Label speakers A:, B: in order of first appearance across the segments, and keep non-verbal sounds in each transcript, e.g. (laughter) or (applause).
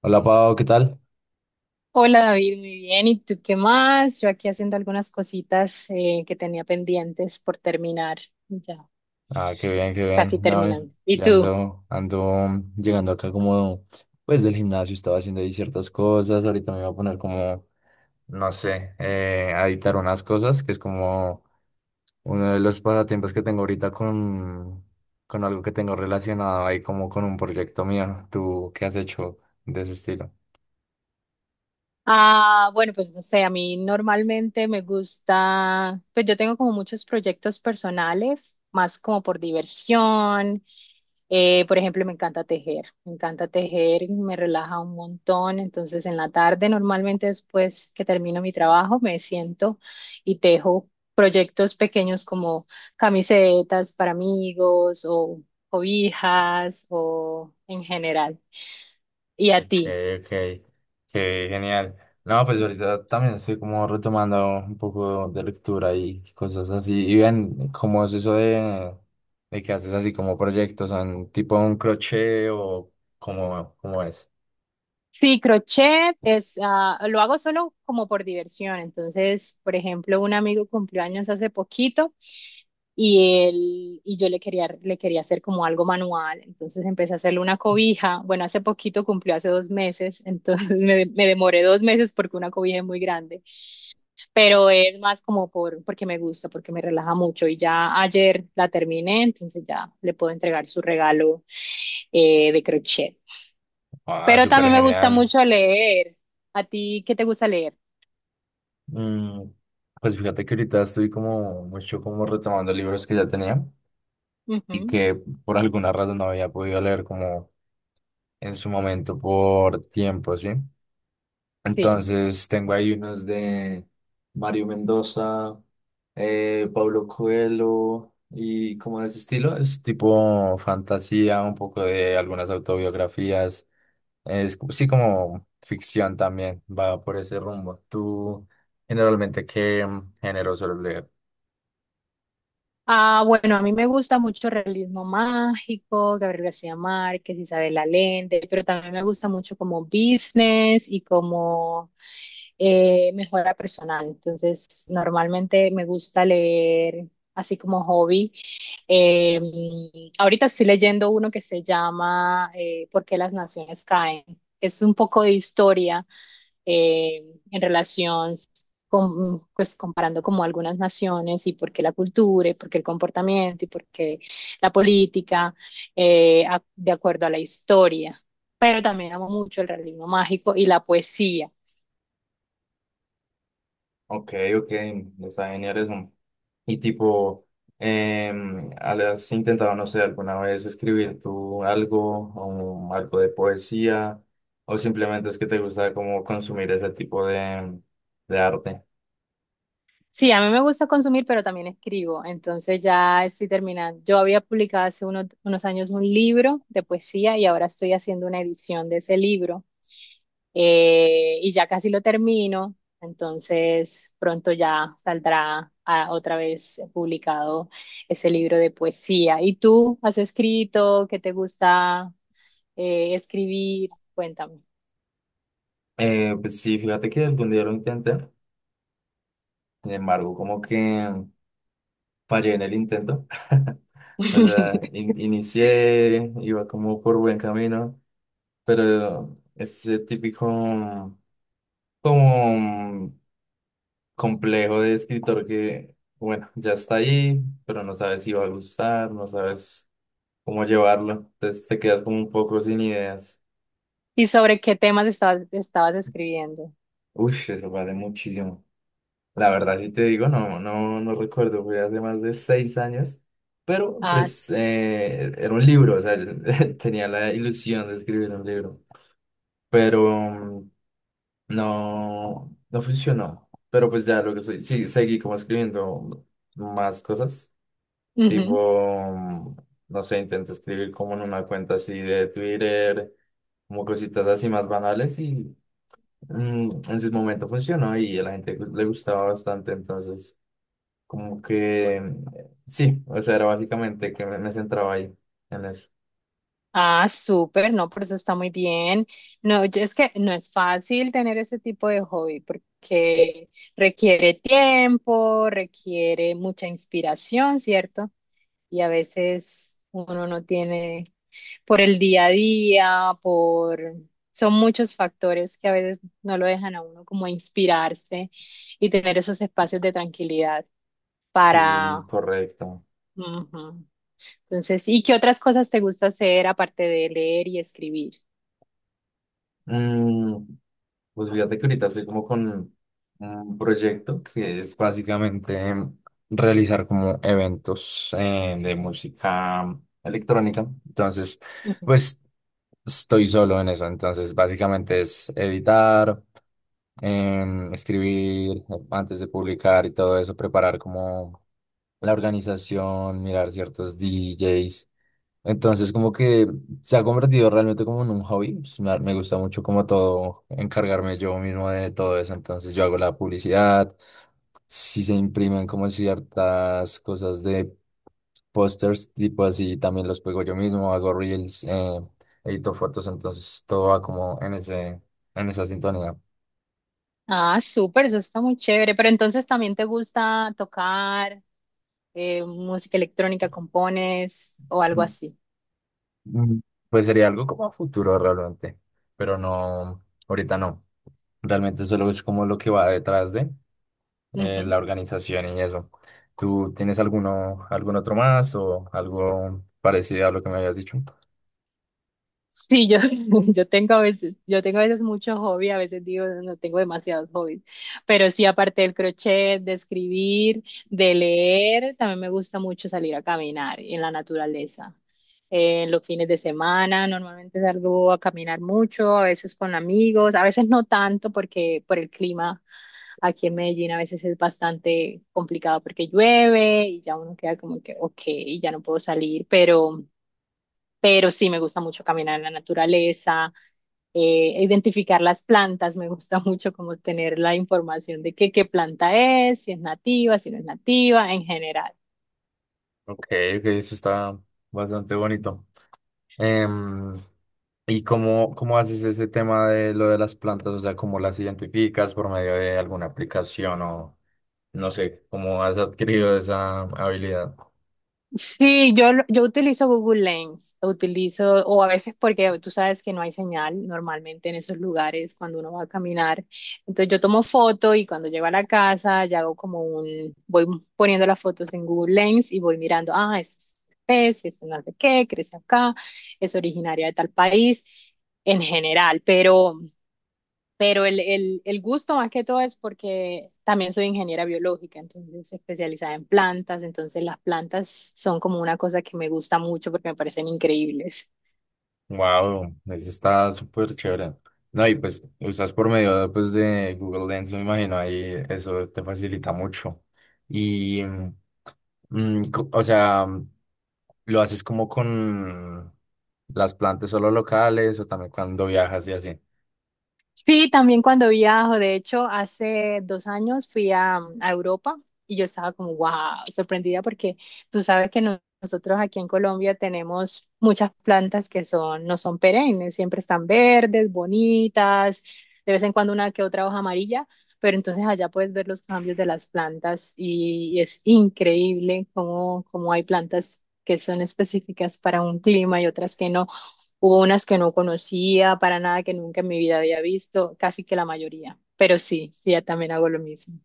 A: Hola Pau, ¿qué tal?
B: Hola David, muy bien. ¿Y tú qué más? Yo aquí haciendo algunas cositas que tenía pendientes por terminar. Ya,
A: Ah, qué bien, qué bien.
B: casi
A: No,
B: terminando. ¿Y
A: yo
B: tú?
A: ando, ando, llegando acá como, pues del gimnasio estaba haciendo ahí ciertas cosas. Ahorita me voy a poner como, no sé, a editar unas cosas, que es como uno de los pasatiempos que tengo ahorita con algo que tengo relacionado ahí como con un proyecto mío. ¿Tú qué has hecho de ese estilo?
B: Ah, bueno, pues no sé, a mí normalmente me gusta, pues yo tengo como muchos proyectos personales, más como por diversión. Por ejemplo, me encanta tejer, me encanta tejer, me relaja un montón. Entonces, en la tarde, normalmente después que termino mi trabajo, me siento y tejo proyectos pequeños como camisetas para amigos o cobijas o en general. ¿Y a
A: Ok,
B: ti?
A: ok, qué genial. No, pues ahorita también estoy como retomando un poco de lectura y cosas así. Y ven, ¿cómo es eso de que haces así como proyectos? ¿Son tipo un crochet o cómo es?
B: Sí, crochet es, lo hago solo como por diversión. Entonces, por ejemplo, un amigo cumplió años hace poquito, y él y yo le quería hacer como algo manual, entonces empecé a hacerle una cobija. Bueno, hace poquito cumplió hace 2 meses, entonces (laughs) me demoré 2 meses porque una cobija es muy grande, pero es más como porque me gusta, porque me relaja mucho y ya ayer la terminé, entonces ya le puedo entregar su regalo de crochet.
A: Ah,
B: Pero
A: súper
B: también me gusta
A: genial.
B: mucho leer. ¿A ti qué te gusta leer?
A: Mm, pues fíjate que ahorita estoy como mucho como retomando libros que ya tenía y
B: Ujú,
A: que por alguna razón no había podido leer como en su momento por tiempo, ¿sí?
B: sí.
A: Entonces tengo ahí unos de Mario Mendoza, Pablo Coelho y como de ese estilo. Es tipo fantasía, un poco de algunas autobiografías. Es sí como ficción también, va por ese rumbo. ¿Tú generalmente qué género sueles leer?
B: Ah, bueno, a mí me gusta mucho el realismo mágico, Gabriel García Márquez, Isabel Allende, pero también me gusta mucho como business y como mejora personal. Entonces, normalmente me gusta leer así como hobby. Eh, Ahorita estoy leyendo uno que se llama ¿Por qué las naciones caen? Es un poco de historia eh, en relación con, pues comparando como algunas naciones y por qué la cultura y por qué el comportamiento y por qué la política de acuerdo a la historia. Pero también amo mucho el realismo mágico y la poesía.
A: Ok, ok, está genial eso. Y tipo, ¿has intentado, no sé, alguna vez escribir tú algo o algo de poesía? ¿O simplemente es que te gusta como consumir ese tipo de arte?
B: Sí, a mí me gusta consumir, pero también escribo. Entonces ya estoy terminando. Yo había publicado hace unos años un libro de poesía y ahora estoy haciendo una edición de ese libro y ya casi lo termino. Entonces pronto ya saldrá otra vez publicado ese libro de poesía. ¿Y tú has escrito? ¿Qué te gusta escribir? Cuéntame.
A: Pues sí, fíjate que algún día lo intenté, sin embargo, como que fallé en el intento. (laughs) O sea,
B: (laughs)
A: inicié, iba como por buen camino, pero ese típico como complejo de escritor que, bueno, ya está ahí, pero no sabes si va a gustar, no sabes cómo llevarlo. Entonces te quedas como un poco sin ideas.
B: ¿Y sobre qué temas estabas escribiendo?
A: Uy, eso vale muchísimo. La verdad, si te digo, no recuerdo, fue hace más de seis años, pero
B: Ah,
A: pues
B: sí.
A: era un libro, o sea, (laughs) tenía la ilusión de escribir un libro, pero no, no funcionó. Pero pues ya lo que soy, sí, seguí como escribiendo más cosas.
B: Ujú.
A: Tipo, no sé, intento escribir como en una cuenta así de Twitter, como cositas así más banales y en su momento funcionó y a la gente le gustaba bastante, entonces como que sí, o sea, era básicamente que me centraba ahí en eso.
B: Ah, súper, no, por eso está muy bien. No, es que no es fácil tener ese tipo de hobby porque requiere tiempo, requiere mucha inspiración, ¿cierto? Y a veces uno no tiene por el día a día. Son muchos factores que a veces no lo dejan a uno como inspirarse y tener esos espacios de tranquilidad.
A: Sí,
B: para...
A: correcto.
B: Entonces, ¿y qué otras cosas te gusta hacer aparte de leer y escribir?
A: Mm, pues fíjate que ahorita estoy como con un proyecto que es básicamente realizar como eventos de música electrónica. Entonces,
B: Ujú.
A: pues estoy solo en eso. Entonces, básicamente es editar, escribir antes de publicar y todo eso, preparar como la organización, mirar ciertos DJs. Entonces, como que se ha convertido realmente como en un hobby. Pues, me gusta mucho como todo, encargarme yo mismo de todo eso. Entonces, yo hago la publicidad. Si se imprimen como ciertas cosas de pósters, tipo así, también los pego yo mismo. Hago reels, edito fotos. Entonces, todo va como en en esa sintonía.
B: Ah, súper, eso está muy chévere. Pero entonces también te gusta tocar música electrónica, compones o algo
A: Mm,
B: así.
A: mm, Pues sería algo como a futuro realmente. Pero no, ahorita no. Realmente solo es como lo que va detrás de. La organización y eso. ¿Tú tienes algún otro más o algo parecido a lo que me habías dicho?
B: Sí, yo, (laughs) yo tengo a veces, mucho hobby, a veces digo, no tengo demasiados hobbies, pero sí, aparte del crochet, de escribir, de leer, también me gusta mucho salir a caminar en la naturaleza. En los fines de semana normalmente salgo a caminar mucho, a veces con amigos, a veces no tanto porque por el clima aquí en Medellín a veces es bastante complicado porque llueve y ya uno queda como que, ok, ya no puedo salir, pero sí me gusta mucho caminar en la naturaleza, identificar las plantas, me gusta (laughs) mucho como tener la información de qué, planta es, si es nativa, si no es nativa, en general.
A: Ok, ok, eso está bastante bonito. Em, ¿Y cómo haces ese tema de lo de las plantas? O sea, ¿cómo las identificas por medio de alguna aplicación o no sé, cómo has adquirido esa habilidad?
B: Sí, yo utilizo Google Lens, utilizo, o a veces porque tú sabes que no hay señal normalmente en esos lugares cuando uno va a caminar. Entonces yo tomo foto y cuando llego a la casa ya hago como voy poniendo las fotos en Google Lens y voy mirando, ah, es especie, es no sé qué, crece acá, es originaria de tal país en general. Pero el gusto más que todo es porque también soy ingeniera biológica, entonces especializada en plantas, entonces las plantas son como una cosa que me gusta mucho porque me parecen increíbles.
A: Wow, eso está súper chévere. No, y pues usas por medio pues, de Google Lens, me imagino, ahí eso te facilita mucho. Y, o sea, ¿lo haces como con las plantas solo locales o también cuando viajas y así?
B: Sí, también cuando viajo, de hecho, hace 2 años fui a Europa y yo estaba como, wow, sorprendida porque tú sabes que nosotros aquí en Colombia tenemos muchas plantas que son, no son perennes, siempre están verdes, bonitas, de vez en cuando una que otra hoja amarilla, pero entonces allá puedes ver los cambios de las plantas, y es increíble cómo hay plantas que son específicas para un clima y otras que no. Hubo unas que no conocía para nada, que nunca en mi vida había visto, casi que la mayoría. Pero sí, sí, ya también hago lo mismo.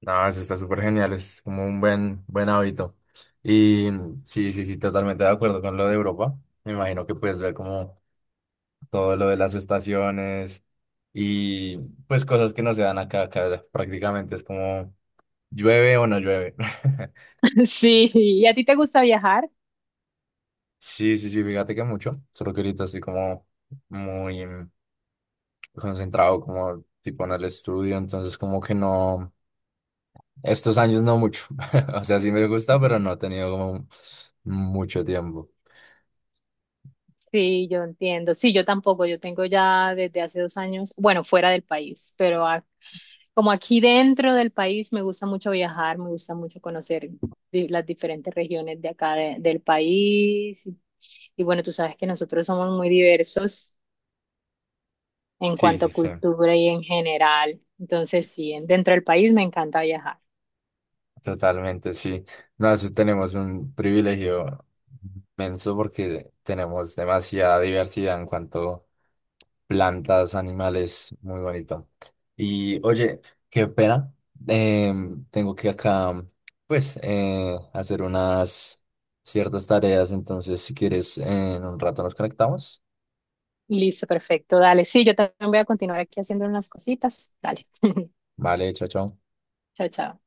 A: No, eso está súper genial, es como un buen, buen hábito. Y sí, sí, sí, totalmente de acuerdo con lo de Europa. Me imagino que puedes ver como todo lo de las estaciones y pues cosas que no se dan acá, acá prácticamente es como llueve o no llueve. (laughs)
B: (laughs) Sí, sí. ¿Y a ti te gusta viajar?
A: Sí, sí, sí, fíjate que mucho, solo que ahorita estoy como muy concentrado como tipo en el estudio, entonces como que no, estos años no mucho, (laughs) o sea, sí me gusta, pero no he
B: (laughs)
A: tenido como mucho tiempo.
B: Sí, yo entiendo. Sí, yo tampoco. Yo tengo ya desde hace 2 años, bueno, fuera del país, pero como aquí dentro del país me gusta mucho viajar, me gusta mucho conocer las diferentes regiones de acá del país. Y bueno, tú sabes que nosotros somos muy diversos en
A: Sí,
B: cuanto a
A: sí, sí.
B: cultura y en general. Entonces, sí, dentro del país me encanta viajar.
A: Totalmente, sí. No, eso tenemos un privilegio inmenso porque tenemos demasiada diversidad en cuanto plantas, animales, muy bonito. Y oye, qué pena, tengo que acá, pues, hacer unas ciertas tareas, entonces si quieres, en un rato nos conectamos.
B: Listo, perfecto, dale. Sí, yo también voy a continuar aquí haciendo unas cositas. Dale. (laughs)
A: Vale, chao, chao.
B: Chao, chao.